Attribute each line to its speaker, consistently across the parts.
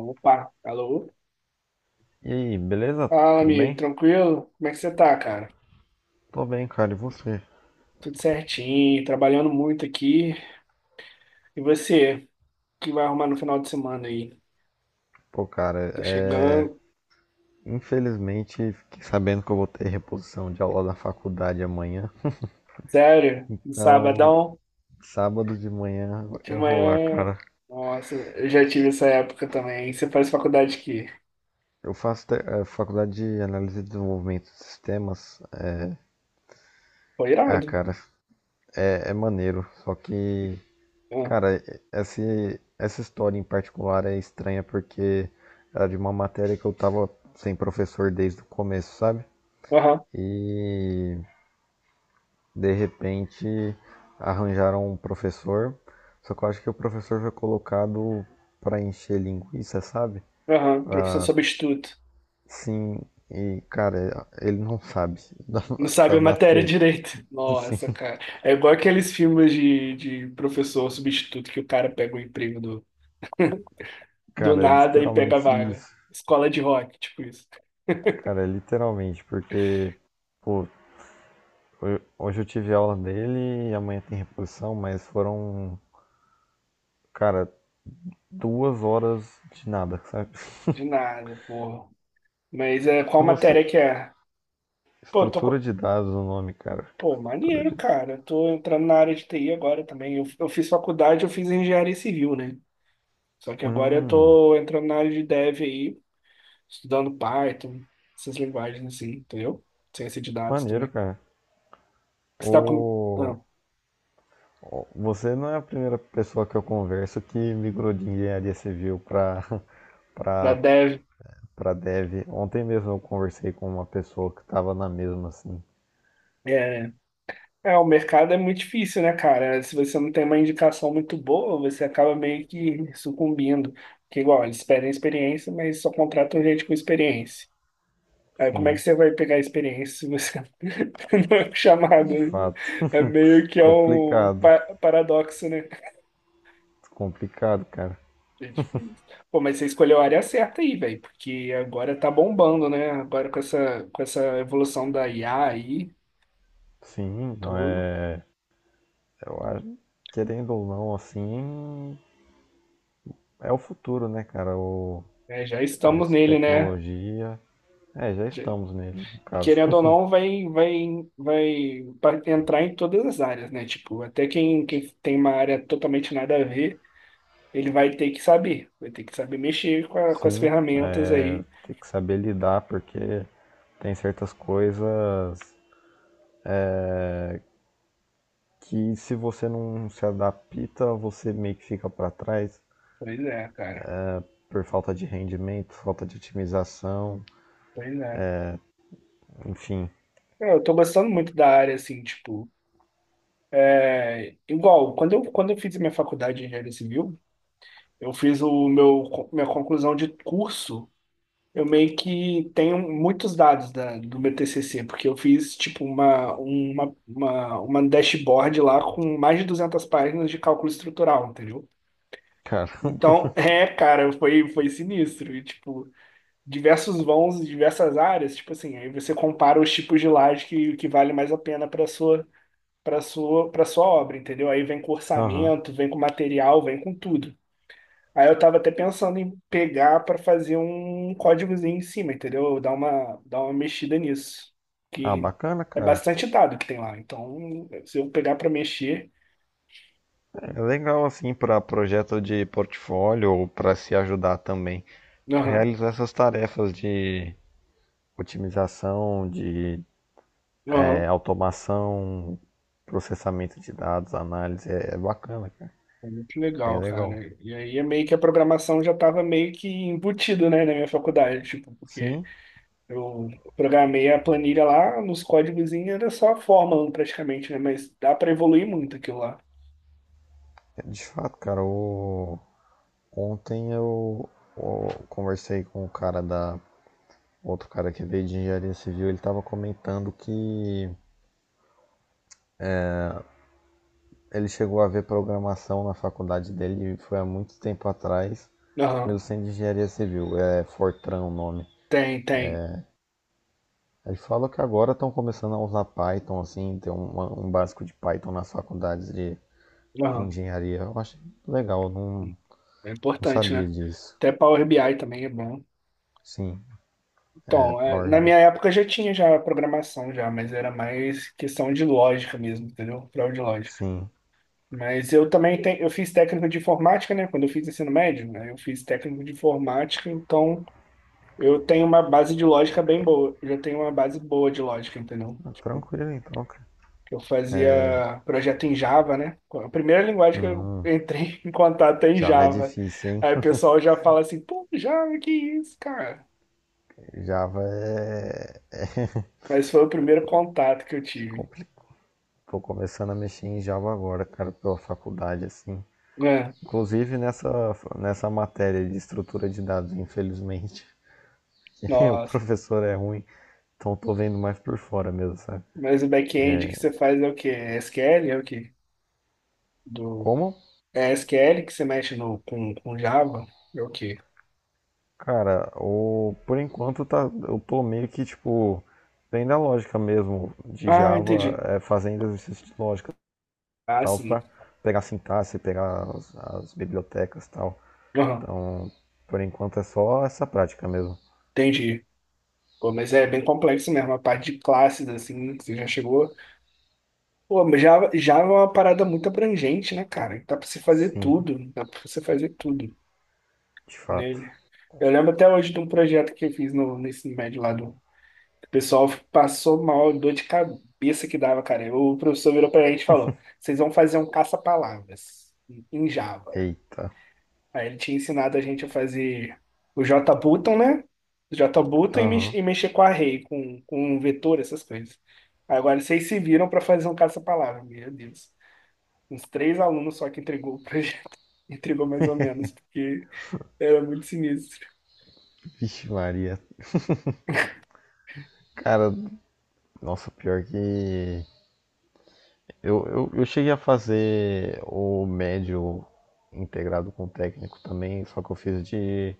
Speaker 1: Opa, alô?
Speaker 2: E aí, beleza?
Speaker 1: Fala,
Speaker 2: Tudo
Speaker 1: amigo,
Speaker 2: bem?
Speaker 1: tranquilo? Como é que você tá, cara?
Speaker 2: Tô bem, cara. E você?
Speaker 1: Tudo certinho, trabalhando muito aqui. E você, o que vai arrumar no final de semana aí?
Speaker 2: Pô, cara,
Speaker 1: Tá chegando?
Speaker 2: infelizmente fiquei sabendo que eu vou ter reposição de aula na faculdade amanhã.
Speaker 1: Sério? No
Speaker 2: Então,
Speaker 1: sabadão?
Speaker 2: sábado de manhã
Speaker 1: De
Speaker 2: eu vou lá,
Speaker 1: manhã?
Speaker 2: cara.
Speaker 1: Nossa, eu já tive essa época também. Você faz faculdade aqui?
Speaker 2: Eu faço faculdade de análise e desenvolvimento de sistemas.
Speaker 1: Foi irado.
Speaker 2: Cara, é maneiro. Só que,
Speaker 1: Ah,
Speaker 2: cara, essa história em particular é estranha porque era de uma matéria que eu tava sem professor desde o começo, sabe?
Speaker 1: aham,
Speaker 2: E de repente arranjaram um professor, só que eu acho que o professor foi colocado para encher linguiça, sabe?
Speaker 1: aham, professor
Speaker 2: Pra
Speaker 1: substituto.
Speaker 2: Sim, e cara, ele não sabe da,
Speaker 1: Não sabe
Speaker 2: da
Speaker 1: a matéria
Speaker 2: matéria.
Speaker 1: direito.
Speaker 2: Sim,
Speaker 1: Nossa, cara. É igual aqueles filmes de professor substituto que o cara pega o emprego do. Do
Speaker 2: cara, é
Speaker 1: nada e pega a
Speaker 2: literalmente
Speaker 1: vaga.
Speaker 2: isso.
Speaker 1: Escola de rock, tipo isso.
Speaker 2: Cara, é literalmente, porque pô, hoje eu tive aula dele e amanhã tem reposição, mas foram, cara, 2 horas de nada, sabe?
Speaker 1: De nada, porra. Mas é, qual
Speaker 2: E você,
Speaker 1: matéria que é? Pô,
Speaker 2: Estrutura de dados o nome, cara.
Speaker 1: pô,
Speaker 2: Estrutura
Speaker 1: maneiro,
Speaker 2: de
Speaker 1: cara. Eu tô entrando na área de TI agora também. Eu fiz faculdade, eu fiz engenharia civil, né? Só que agora eu
Speaker 2: Hum,
Speaker 1: tô entrando na área de dev aí, estudando Python, essas linguagens assim, entendeu? Ciência de dados
Speaker 2: Maneiro,
Speaker 1: também.
Speaker 2: cara.
Speaker 1: Você tá com... Ah,
Speaker 2: O... Você não é a primeira pessoa que eu converso que migrou de engenharia civil para
Speaker 1: da
Speaker 2: para
Speaker 1: dev.
Speaker 2: para dev. Ontem mesmo eu conversei com uma pessoa que estava na mesma, assim.
Speaker 1: é, É, o mercado é muito difícil, né, cara? Se você não tem uma indicação muito boa, você acaba meio que sucumbindo. Porque, igual, eles pedem experiência, mas só contratam gente com experiência. Aí, como é que
Speaker 2: Sim,
Speaker 1: você vai pegar experiência se você não é
Speaker 2: de
Speaker 1: chamado?
Speaker 2: fato.
Speaker 1: É meio que é um
Speaker 2: Complicado,
Speaker 1: paradoxo, né?
Speaker 2: complicado, cara.
Speaker 1: É difícil. Pô, mas você escolheu a área certa aí, velho, porque agora tá bombando, né? Agora com essa evolução da IA aí,
Speaker 2: Sim,
Speaker 1: tudo.
Speaker 2: eu acho, querendo ou não, assim, é o futuro, né, cara?
Speaker 1: Né? Já
Speaker 2: A
Speaker 1: estamos nele, né?
Speaker 2: tecnologia. É, já estamos nele, no caso.
Speaker 1: Querendo ou não, vai entrar em todas as áreas, né? Tipo, até quem tem uma área totalmente nada a ver, ele vai ter que saber mexer com as
Speaker 2: Sim,
Speaker 1: ferramentas
Speaker 2: é,
Speaker 1: aí.
Speaker 2: tem que saber lidar porque tem certas coisas que se você não se adapta, você meio que fica para trás
Speaker 1: Pois é, cara.
Speaker 2: por falta de rendimento, falta de otimização,
Speaker 1: Pois é.
Speaker 2: enfim.
Speaker 1: É, eu tô gostando muito da área, assim, tipo, é, igual, quando eu fiz a minha faculdade de engenharia civil, eu fiz minha conclusão de curso. Eu meio que tenho muitos dados do meu TCC, porque eu fiz tipo uma dashboard lá com mais de 200 páginas de cálculo estrutural, entendeu? Então,
Speaker 2: Caramba.
Speaker 1: é, cara, foi sinistro. E, tipo, diversos vãos, em diversas áreas, tipo assim, aí você compara os tipos de laje que vale mais a pena para sua obra, entendeu? Aí vem com
Speaker 2: Aham.
Speaker 1: orçamento, vem com material, vem com tudo. Aí eu tava até pensando em pegar pra fazer um códigozinho em cima, entendeu? Dar uma mexida nisso.
Speaker 2: Ah,
Speaker 1: Que
Speaker 2: bacana,
Speaker 1: é
Speaker 2: cara.
Speaker 1: bastante dado que tem lá. Então, se eu pegar pra mexer.
Speaker 2: É legal assim para projeto de portfólio ou para se ajudar também.
Speaker 1: Aham,
Speaker 2: Realizar essas tarefas de otimização, de
Speaker 1: aham.
Speaker 2: automação, processamento de dados, análise, é bacana, cara.
Speaker 1: É muito
Speaker 2: Bem
Speaker 1: legal,
Speaker 2: legal.
Speaker 1: cara. E aí é meio que a programação já tava meio que embutido, né, na minha faculdade, tipo, porque
Speaker 2: Sim,
Speaker 1: eu programei a planilha lá, nos códigozinhos era só fórmula praticamente, né? Mas dá para evoluir muito aquilo lá.
Speaker 2: de fato, cara, ontem eu conversei com o cara da. Outro cara que veio de engenharia civil, ele estava comentando que ele chegou a ver programação na faculdade dele, e foi há muito tempo atrás,
Speaker 1: Aham.
Speaker 2: mesmo sendo de engenharia civil, é Fortran o nome.
Speaker 1: Tem, tem.
Speaker 2: Ele fala que agora estão começando a usar Python, assim, tem um básico de Python nas faculdades de
Speaker 1: Aham.
Speaker 2: engenharia. Eu achei legal, eu não,
Speaker 1: É
Speaker 2: não
Speaker 1: importante,
Speaker 2: sabia
Speaker 1: né?
Speaker 2: disso.
Speaker 1: Até Power BI também é bom.
Speaker 2: Sim, é
Speaker 1: Então, é,
Speaker 2: Power
Speaker 1: na minha
Speaker 2: BI.
Speaker 1: época já tinha já programação já, mas era mais questão de lógica mesmo, entendeu? Prova de lógica.
Speaker 2: Sim,
Speaker 1: Mas eu também tenho, eu fiz técnico de informática, né? Quando eu fiz ensino médio, né? Eu fiz técnico de informática, então eu tenho uma base de lógica bem boa. Eu já tenho uma base boa de lógica, entendeu?
Speaker 2: ah,
Speaker 1: Tipo,
Speaker 2: tranquilo então, cara.
Speaker 1: eu fazia projeto em Java, né? A primeira linguagem que eu
Speaker 2: Hum,
Speaker 1: entrei em contato é em
Speaker 2: Java é
Speaker 1: Java.
Speaker 2: difícil, hein?
Speaker 1: Aí o pessoal já fala assim, pô, Java, que isso, cara?
Speaker 2: Java
Speaker 1: Mas foi o primeiro contato que eu
Speaker 2: é
Speaker 1: tive.
Speaker 2: complicado. Tô começando a mexer em Java agora, cara, pela faculdade, assim.
Speaker 1: É,
Speaker 2: Inclusive nessa matéria de estrutura de dados, infelizmente. O
Speaker 1: nossa.
Speaker 2: professor é ruim, então tô vendo mais por fora mesmo, sabe?
Speaker 1: Mas o back-end que você faz é o quê? É SQL? É o quê? Do...
Speaker 2: Como?
Speaker 1: É SQL que você mexe no, com Java? É o quê?
Speaker 2: Cara, por enquanto eu tô meio que, tipo, vendo a lógica mesmo de
Speaker 1: Ah,
Speaker 2: Java,
Speaker 1: entendi.
Speaker 2: fazendo exercícios de lógica.
Speaker 1: Ah,
Speaker 2: Tal,
Speaker 1: sim.
Speaker 2: para pegar a sintaxe, pegar as bibliotecas e tal.
Speaker 1: Aham,
Speaker 2: Então, por enquanto é só essa prática mesmo.
Speaker 1: entendi. Pô, mas é bem complexo mesmo, a parte de classes, assim, que você já chegou. Pô, mas Java, Java é uma parada muito abrangente, né, cara? Dá pra você fazer
Speaker 2: Sim,
Speaker 1: tudo. Dá pra você fazer tudo
Speaker 2: de fato.
Speaker 1: nele. Eu lembro até hoje de um projeto que eu fiz no ensino médio lá do. O pessoal passou mal, dor de cabeça que dava, cara. O professor virou pra gente e falou: vocês vão fazer um caça-palavras em Java.
Speaker 2: Eita.
Speaker 1: Aí ele tinha ensinado a gente a fazer o JButton, né? JButton
Speaker 2: Aham. Uhum.
Speaker 1: e mexer com array, com um vetor, essas coisas. Agora vocês se viram pra fazer um caça-palavra, meu Deus. Uns três alunos só que entregou o projeto, entregou mais ou menos, porque era muito sinistro.
Speaker 2: Vixe Maria. Cara, nossa, pior que eu cheguei a fazer o médio integrado com o técnico também, só que eu fiz de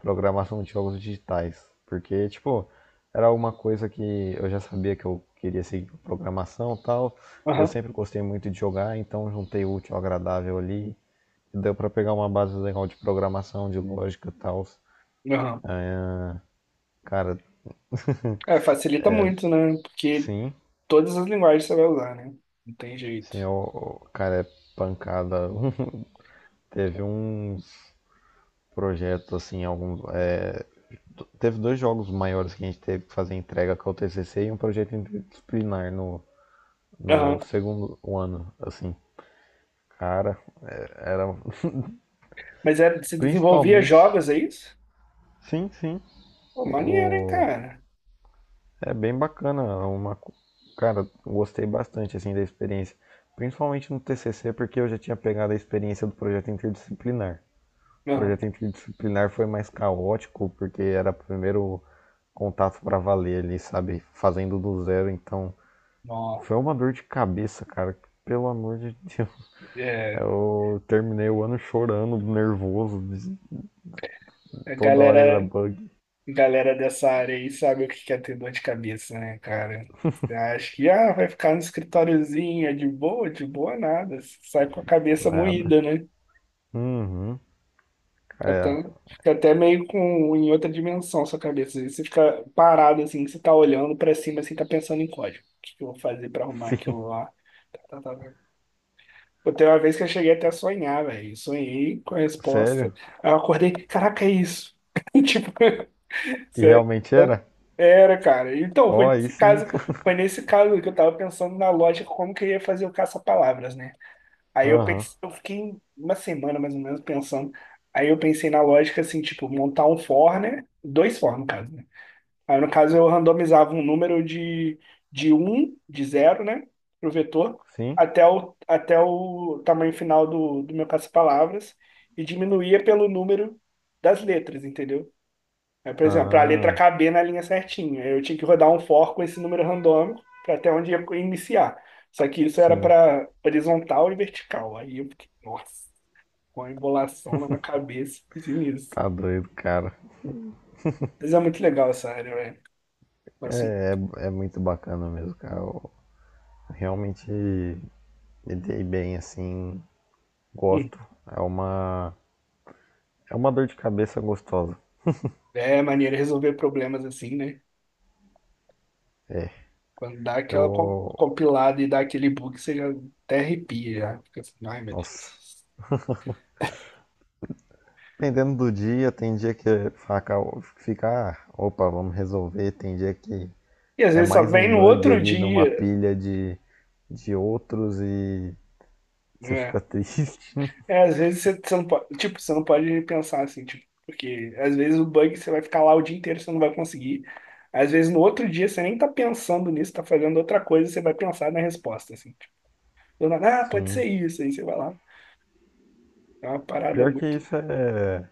Speaker 2: programação de jogos digitais. Porque, tipo, era uma coisa que eu já sabia que eu queria seguir com programação e tal. Eu
Speaker 1: Aham,
Speaker 2: sempre gostei muito de jogar, então juntei o útil ao agradável ali. E deu pra pegar uma base legal de programação, de lógica e tal.
Speaker 1: aham.
Speaker 2: Cara,
Speaker 1: É, facilita muito, né? Porque
Speaker 2: sim,
Speaker 1: todas as linguagens você vai usar, né? Não tem jeito.
Speaker 2: sim, o cara é pancada. Teve uns projetos assim, alguns. Teve dois jogos maiores que a gente teve que fazer entrega com o TCC e um projeto interdisciplinar no
Speaker 1: Aham.
Speaker 2: segundo ano, assim. Cara, era
Speaker 1: Mas é, você desenvolvia
Speaker 2: principalmente.
Speaker 1: jogos, é isso?
Speaker 2: Sim, sim.
Speaker 1: Pô, maneiro, hein,
Speaker 2: O...
Speaker 1: cara?
Speaker 2: É bem bacana, é uma. Cara, gostei bastante, assim, da experiência. Principalmente no TCC, porque eu já tinha pegado a experiência do projeto interdisciplinar. O
Speaker 1: Aham.
Speaker 2: projeto interdisciplinar foi mais caótico, porque era o primeiro contato para valer ali, sabe? Fazendo do zero, então.
Speaker 1: Ó,
Speaker 2: Foi uma dor de cabeça, cara. Pelo amor de Deus.
Speaker 1: é,
Speaker 2: Eu terminei o ano chorando, nervoso.
Speaker 1: a
Speaker 2: Toda hora era
Speaker 1: galera,
Speaker 2: bug.
Speaker 1: a galera dessa área aí sabe o que quer ter dor de cabeça, né, cara? Você acha que ah, vai ficar no escritóriozinho, é de boa nada. Você sai com a cabeça
Speaker 2: Nada.
Speaker 1: moída, né?
Speaker 2: Uhum.
Speaker 1: Fica
Speaker 2: É.
Speaker 1: até, fica até meio com em outra dimensão sua cabeça. Às vezes você fica parado assim, você tá olhando pra cima assim, tá pensando em código. O que que eu vou fazer pra arrumar
Speaker 2: Sim.
Speaker 1: aquilo lá? Tá, tá, tá. Pô, teve uma vez que eu cheguei até a sonhar, velho. Sonhei com a resposta.
Speaker 2: Sério?
Speaker 1: Aí eu acordei, caraca, é isso. Tipo,
Speaker 2: E
Speaker 1: sério.
Speaker 2: realmente era?
Speaker 1: Era, cara. Então, foi
Speaker 2: Ó, aí
Speaker 1: nesse
Speaker 2: sim.
Speaker 1: caso, foi nesse caso que eu tava pensando na lógica como que eu ia fazer o caça-palavras, né? Aí eu
Speaker 2: Aham.
Speaker 1: pensei, eu fiquei uma semana mais ou menos pensando. Aí eu pensei na lógica assim, tipo, montar um for, né? Dois for, no caso, né? Aí no caso eu randomizava um número de um de zero, né? Pro vetor,
Speaker 2: Sim?
Speaker 1: até o tamanho final do meu caça-palavras e diminuía pelo número das letras, entendeu? Aí, por exemplo, para a letra
Speaker 2: Ah,
Speaker 1: caber na linha certinha, eu tinha que rodar um for com esse número randômico para até onde ia iniciar. Só que isso era
Speaker 2: sim.
Speaker 1: para horizontal e vertical. Aí eu fiquei, nossa, com a embolação na minha cabeça, fiz nisso.
Speaker 2: Tá doido, cara.
Speaker 1: Mas é muito legal essa área, velho. Assim,
Speaker 2: É muito bacana mesmo, cara. Eu realmente me dei bem, assim.
Speaker 1: hum,
Speaker 2: Gosto. É uma, é uma dor de cabeça gostosa.
Speaker 1: é maneira de resolver problemas assim, né?
Speaker 2: É.
Speaker 1: Quando dá aquela
Speaker 2: Eu.
Speaker 1: compilada e dá aquele bug, você já até arrepia, já. Fica assim, ai meu
Speaker 2: Nossa.
Speaker 1: Deus.
Speaker 2: Dependendo do dia, tem dia que é faca fica, ah, opa, vamos resolver. Tem dia que
Speaker 1: E às
Speaker 2: é
Speaker 1: vezes só
Speaker 2: mais
Speaker 1: vem
Speaker 2: um
Speaker 1: no
Speaker 2: bug
Speaker 1: outro
Speaker 2: ali numa
Speaker 1: dia,
Speaker 2: pilha de outros e você fica
Speaker 1: né?
Speaker 2: triste.
Speaker 1: É, às vezes você não pode, tipo, você não pode pensar assim, tipo, porque às vezes o bug você vai ficar lá o dia inteiro, você não vai conseguir. Às vezes no outro dia você nem tá pensando nisso, tá fazendo outra coisa, você vai pensar na resposta, assim. Tipo, do nada, ah, pode ser
Speaker 2: Sim.
Speaker 1: isso, aí você vai lá. É uma parada
Speaker 2: Pior que
Speaker 1: muito,
Speaker 2: isso é.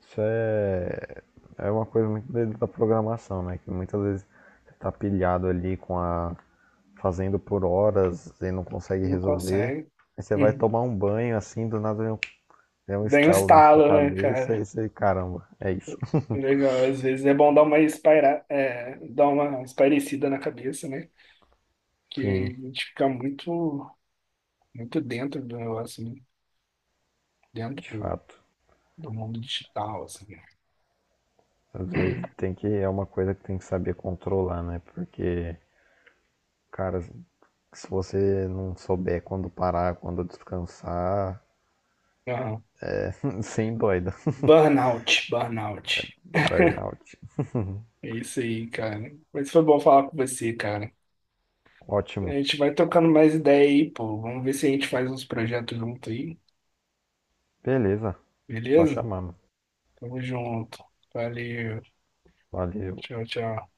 Speaker 2: Isso é. É uma coisa muito da programação, né? Que muitas vezes você tá pilhado ali com a. fazendo por horas e não consegue
Speaker 1: não
Speaker 2: resolver.
Speaker 1: consegue.
Speaker 2: Aí você vai
Speaker 1: Uhum.
Speaker 2: tomar um banho assim, do nada vem um
Speaker 1: Bem um
Speaker 2: estalo na sua
Speaker 1: estalo, né,
Speaker 2: cabeça
Speaker 1: cara?
Speaker 2: e você, caramba, é isso.
Speaker 1: Legal, às vezes é bom dar uma dar uma espairecida na cabeça, né? Que a
Speaker 2: Sim,
Speaker 1: gente fica muito, muito dentro do negócio, né? Dentro
Speaker 2: de
Speaker 1: do,
Speaker 2: fato.
Speaker 1: do mundo digital, assim,
Speaker 2: Às vezes
Speaker 1: né?
Speaker 2: é uma coisa que tem que saber controlar, né? Porque, cara, se você não souber quando parar, quando descansar,
Speaker 1: Aham.
Speaker 2: sem doida.
Speaker 1: Burnout, burnout.
Speaker 2: Burnout.
Speaker 1: É isso aí, cara. Mas foi bom falar com você, cara. A
Speaker 2: Ótimo.
Speaker 1: gente vai trocando mais ideia aí, pô. Vamos ver se a gente faz uns projetos junto aí,
Speaker 2: Beleza. Só
Speaker 1: beleza?
Speaker 2: chamar, mano.
Speaker 1: Tamo junto. Valeu.
Speaker 2: Valeu.
Speaker 1: Tchau, tchau.